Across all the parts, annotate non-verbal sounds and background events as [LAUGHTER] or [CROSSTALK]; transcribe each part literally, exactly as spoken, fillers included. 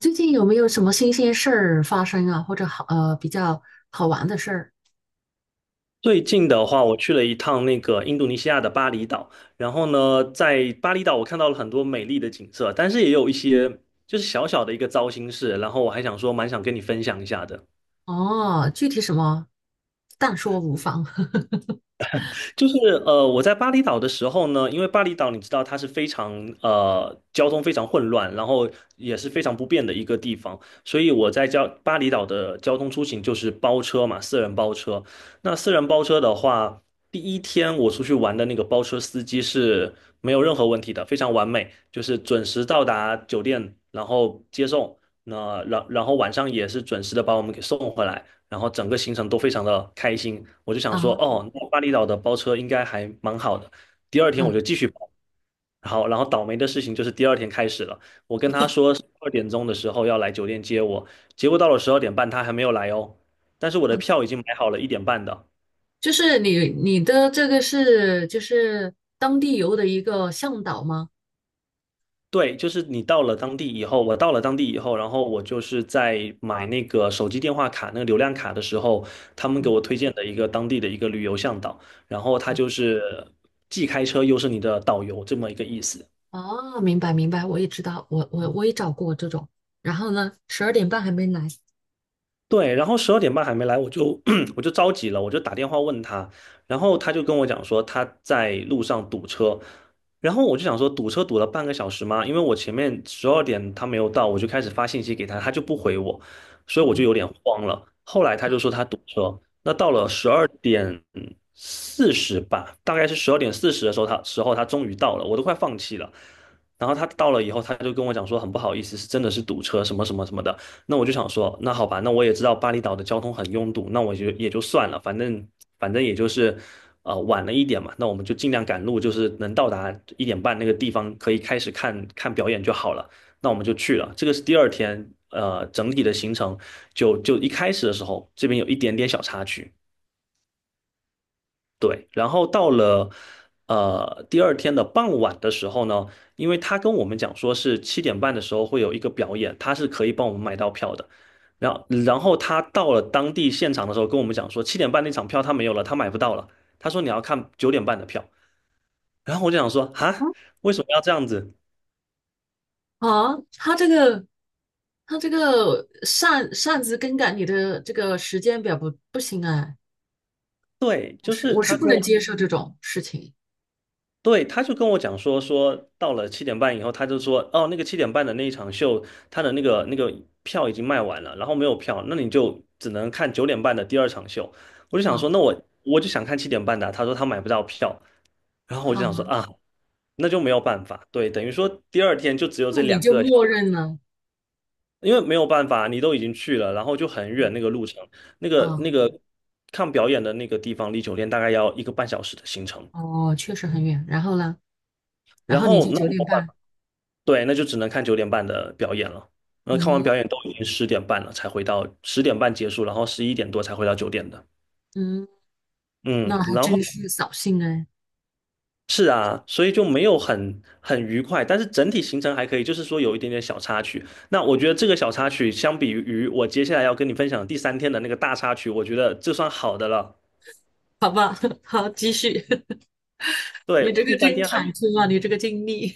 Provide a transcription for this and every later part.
最近有没有什么新鲜事儿发生啊，或者好呃比较好玩的事儿？最近的话，我去了一趟那个印度尼西亚的巴厘岛，然后呢，在巴厘岛我看到了很多美丽的景色，但是也有一些就是小小的一个糟心事，然后我还想说，蛮想跟你分享一下的。哦，具体什么，但说无妨。[LAUGHS] 就是呃，我在巴厘岛的时候呢，因为巴厘岛你知道它是非常呃交通非常混乱，然后也是非常不便的一个地方，所以我在交巴厘岛的交通出行就是包车嘛，私人包车。那私人包车的话，第一天我出去玩的那个包车司机是没有任何问题的，非常完美，就是准时到达酒店，然后接送，那然然后晚上也是准时的把我们给送回来。然后整个行程都非常的开心。我就想啊，说，哦，那巴厘岛的包车应该还蛮好的。第二天我就嗯，继续包，然后然后倒霉的事情就是第二天开始了。我跟他说十二点钟的时候要来酒店接我，结果到了十二点半他还没有来哦，但是我的票已经买好了一点半的。就是你你的这个是就是当地游的一个向导吗？对，就是你到了当地以后，我到了当地以后，然后我就是在买那个手机电话卡、那个流量卡的时候，他们给嗯，我推荐的一个当地的一个旅游向导，然后他就是既开车又是你的导游这么一个意思。哦，明白明白，我也知道，我我我也找过这种。然后呢，十二点半还没来。对，然后十二点半还没来，我就 [CLEARS THROAT] 我就着急了，我就打电话问他，然后他就跟我讲说他在路上堵车，然后我就想说堵车堵了半个小时吗？因为我前面十二点他没有到，我就开始发信息给他，他就不回我，所以我就有嗯点慌了。后来他就说他堵车，那到了十二点四十吧，大概是十二点四十的时候，他时候他终于到了，我都快放弃了。然后他到了以后，他就跟我讲说很不好意思，是真的是堵车什么什么什么的。那我就想说，那好吧，那我也知道巴厘岛的交通很拥堵，那我就也就算了，反正反正也就是，呃，晚了一点嘛，那我们就尽量赶路，就是能到达一点半那个地方，可以开始看看表演就好了。那我们就去了，这个是第二天，呃，整体的行程就就一开始的时候，这边有一点点小插曲，对，然后到了呃第二天的傍晚的时候呢，因为他跟我们讲说是七点半的时候会有一个表演，他是可以帮我们买到票的。然后，然后他到了当地现场的时候跟我们讲说，七点半那场票他没有了，他买不到了。他说你要看九点半的票。然后我就想说，哈，嗯为什么要这样子？啊，他这个他这个擅擅自更改你的这个时间表不不行哎、对，我就是是我是他不跟我能接受这种事情对，他就跟我讲说，说到了七点半以后，他就说，哦，那个七点半的那一场秀，他的那个那个票已经卖完了，然后没有票，那你就只能看九点半的第二场秀。我就想啊说，那我我就想看七点半的啊他说他买不到票，然后我就想啊，说啊，那就没有办法，对，等于说第二天就只有就这你两就个小默认了，因为没有办法，你都已经去了，然后就很远那个啊路程，那个啊那个看表演的那个地方离酒店大概要一个半小时的行程。哦，确实很远。然后呢，然然后你后就那九点我办半，法对，那就只能看九点半的表演了。然后看完嗯表演都已经十点半了，才回到十点半结束，然后十一点多才回到九点的。嗯，嗯，那还然后真是扫兴哎。是啊，所以就没有很很愉快，但是整体行程还可以，就是说有一点点小插曲。那我觉得这个小插曲相比于我接下来要跟你分享第三天的那个大插曲，我觉得这算好的了。好吧，[LAUGHS] 好，继续。[LAUGHS] 对，你这我第个三真天还。坎坷啊，你这个经历，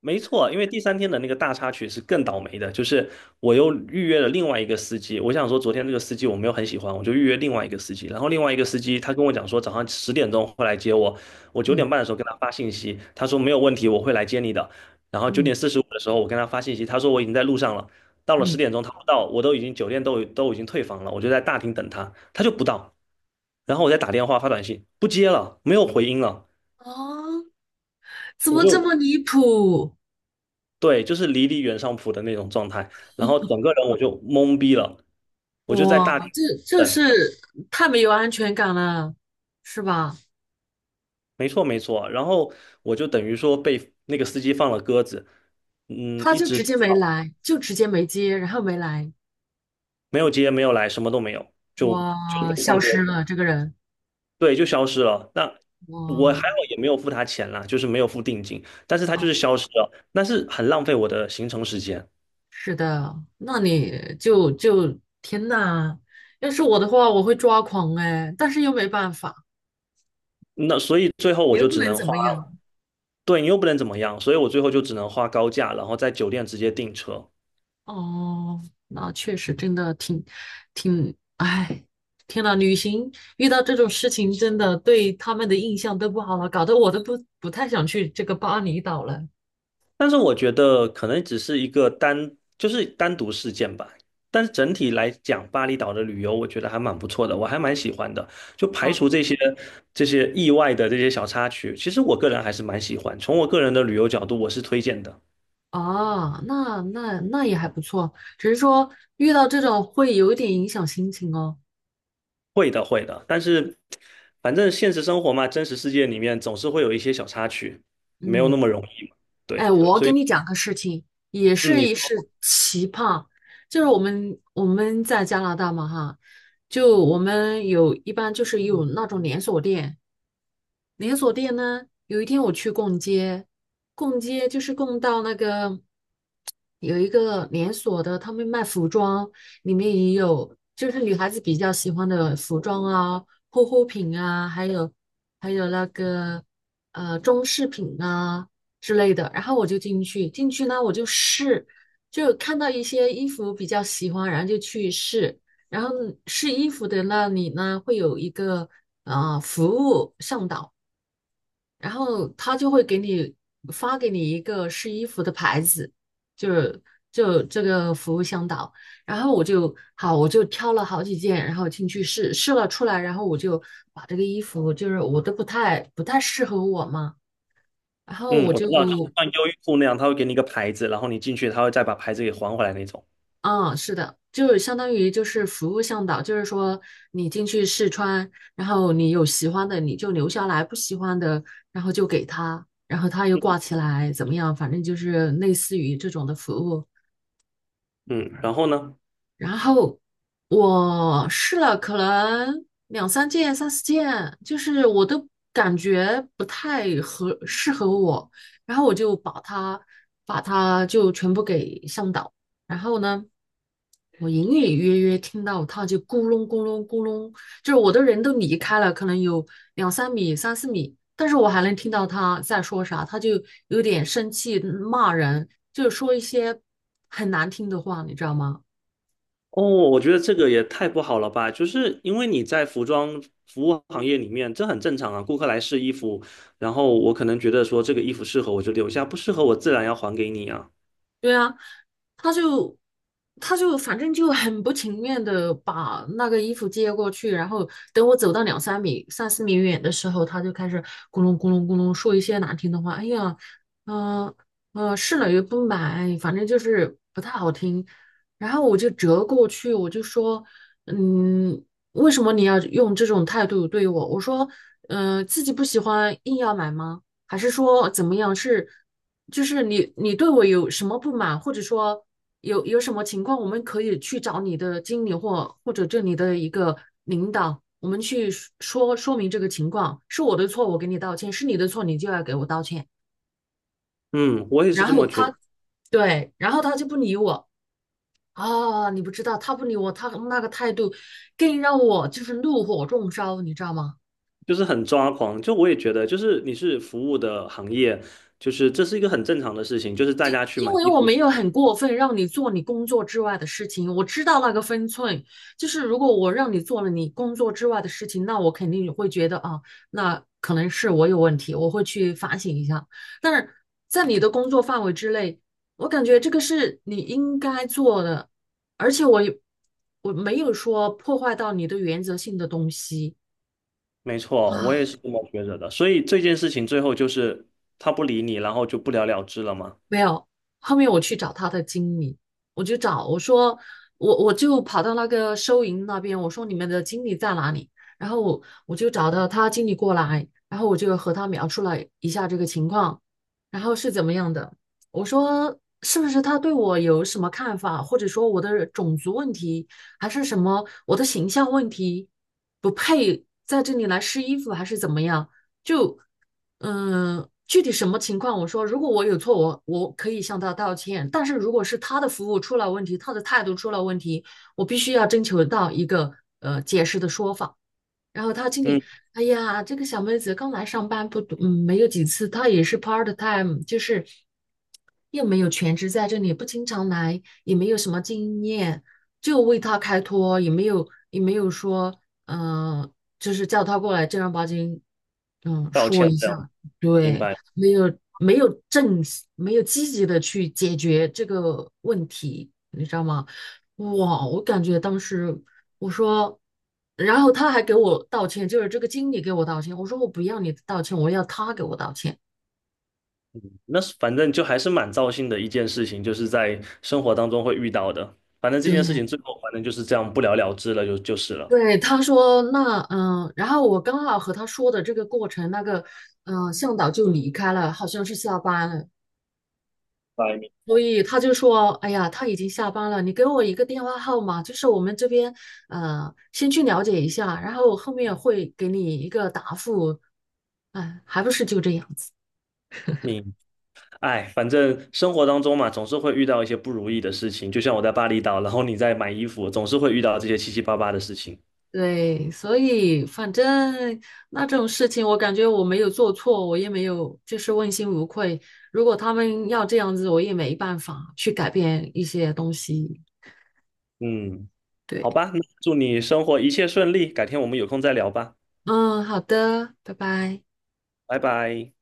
没错，因为第三天的那个大插曲是更倒霉的，就是我又预约了另外一个司机。我想说，昨天这个司机我没有很喜欢，我就预约另外一个司机。然后另外一个司机他跟我讲说，早上十点钟会来接我。我 [LAUGHS] 九点嗯半的时候跟他发信息，他说没有问题，我会来接你的。然后九嗯点四十五的时候我跟他发信息，他说我已经在路上了。到了十嗯，点钟他不到，我都已经酒店都都已经退房了，我就在大厅等他，他就不到。然后我再打电话发短信，不接了，没有回音了。啊，怎我么这就么离谱？对，就是离离原上谱的那种状态，然后整个人我就懵逼了，我就在大厅哇，这这等，是太没有安全感了，是吧？没错没错，然后我就等于说被那个司机放了鸽子，嗯，他一就直直接没来，就直接没接，然后没来。没有接没有来，什么都没有，就哇，就呃被放消鸽失子，了这个人，对，就消失了。那我哇，还好也没有付他钱啦，就是没有付定金，但是他就哦，是消失了，但是很浪费我的行程时间，是的，那你就就天呐，要是我的话，我会抓狂哎，但是又没办法，那所以最后你我又就不只能能怎花，么样。对你又不能怎么样，所以我最后就只能花高价，然后在酒店直接订车。哦，那确实真的挺挺，哎，天呐，旅行遇到这种事情，真的对他们的印象都不好了，搞得我都不不太想去这个巴厘岛了。但是我觉得可能只是一个单，就是单独事件吧。但是整体来讲，巴厘岛的旅游我觉得还蛮不错的，我还蛮喜欢的。就排除啊这些这些意外的这些小插曲，其实我个人还是蛮喜欢。从我个人的旅游角度，我是推荐的。啊，那那那也还不错，只是说遇到这种会有一点影响心情哦。会的，会的。但是反正现实生活嘛，真实世界里面总是会有一些小插曲，没有嗯，那么容易嘛。对，哎，我所给以你讲个事情，也嗯，是你一说是奇葩，就是我们我们在加拿大嘛哈，就我们有一般就是有那种连锁店，连锁店呢，有一天我去逛街，逛街就是逛到那个。有一个连锁的，他们卖服装，里面也有，就是女孩子比较喜欢的服装啊、护肤品啊，还有还有那个呃装饰品啊之类的。然后我就进去，进去呢我就试，就看到一些衣服比较喜欢，然后就去试。然后试衣服的那里呢，会有一个呃服务向导。然后他就会给你发给你一个试衣服的牌子，就是就这个服务向导。然后我就好，我就挑了好几件，然后进去试试了出来，然后我就把这个衣服就是我都不太不太适合我嘛，然后嗯，我我就知道，就像优衣库那样，他会给你一个牌子，然后你进去，他会再把牌子给还回来那种。嗯，是的，就是相当于就是服务向导，就是说你进去试穿，然后你有喜欢的你就留下来，不喜欢的然后就给他，然后他又挂起来，怎么样？反正就是类似于这种的服务。嗯，然后呢？然后我试了可能两三件、三四件，就是我都感觉不太合适合我，然后我就把它把它就全部给向导。然后呢，我隐隐约约听到他就咕隆咕隆咕隆，就是我的人都离开了，可能有两三米、三四米，但是我还能听到他在说啥，他就有点生气骂人，就是说一些很难听的话，你知道吗？哦，我觉得这个也太不好了吧！就是因为你在服装服务行业里面，这很正常啊。顾客来试衣服，然后我可能觉得说这个衣服适合我就留下，不适合我自然要还给你啊。对啊，他就他就反正就很不情愿的把那个衣服接过去，然后等我走到两三米、三四米远的时候，他就开始咕隆咕隆咕隆说一些难听的话。哎呀，嗯、嗯，呃试了又不买，反正就是不太好听。然后我就折过去，我就说，嗯，为什么你要用这种态度对我？我说，嗯、自己不喜欢硬要买吗？还是说怎么样？是？就是你你对我有什么不满，或者说有有什么情况，我们可以去找你的经理或或者这里的一个领导，我们去说说明这个情况，是我的错，我给你道歉，是你的错，你就要给我道歉。嗯，我也是然这后么觉得，他，对，然后他就不理我啊，你不知道，他不理我，他那个态度更让我就是怒火中烧，你知道吗？就是很抓狂。就我也觉得，就是你是服务的行业，就是这是一个很正常的事情，就是大家去因买为衣我服。没有很过分让你做你工作之外的事情，我知道那个分寸。就是如果我让你做了你工作之外的事情，那我肯定会觉得啊，那可能是我有问题，我会去反省一下。但是在你的工作范围之内，我感觉这个是你应该做的，而且我我没有说破坏到你的原则性的东西。没错，我也啊。是这么觉得的。所以这件事情最后就是他不理你，然后就不了了之了嘛。没有，后面我去找他的经理，我就找我说我我就跑到那个收银那边，我说你们的经理在哪里？然后我我就找到他经理过来，然后我就和他描述了一下这个情况，然后是怎么样的？我说是不是他对我有什么看法，或者说我的种族问题，还是什么我的形象问题，不配在这里来试衣服，还是怎么样？就。嗯，具体什么情况？我说，如果我有错，我我可以向他道歉。但是如果是他的服务出了问题，他的态度出了问题，我必须要征求到一个呃解释的说法。然后他经嗯，理，哎呀，这个小妹子刚来上班不多，嗯，没有几次，她也是 part time，就是又没有全职在这里，不经常来，也没有什么经验，就为她开脱，也没有也没有说，嗯、就是叫她过来正儿八经，嗯，道说歉一这样，下，明对，白。没有没有正，没有积极的去解决这个问题，你知道吗？哇，我感觉当时我说，然后他还给我道歉，就是这个经理给我道歉。我说我不要你的道歉，我要他给我道歉。那是反正就还是蛮糟心的一件事情，就是在生活当中会遇到的。反正这对，件事情最后反正就是这样不了了之了，就就是了。对，他说那嗯，然后我刚好和他说的这个过程，那个嗯向导就离开了，好像是下班了，白明所以他就说，哎呀，他已经下班了，你给我一个电话号码，就是我们这边呃先去了解一下，然后我后面会给你一个答复。哎，还不是就这样子。明，哎，反正生活当中嘛，总是会遇到一些不如意的事情。就像我在巴厘岛，然后你在买衣服，总是会遇到这些七七八八的事情。对，所以反正那这种事情，我感觉我没有做错，我也没有就是问心无愧。如果他们要这样子，我也没办法去改变一些东西。嗯，对，好吧，那祝你生活一切顺利，改天我们有空再聊吧，嗯，好的，拜拜。拜拜。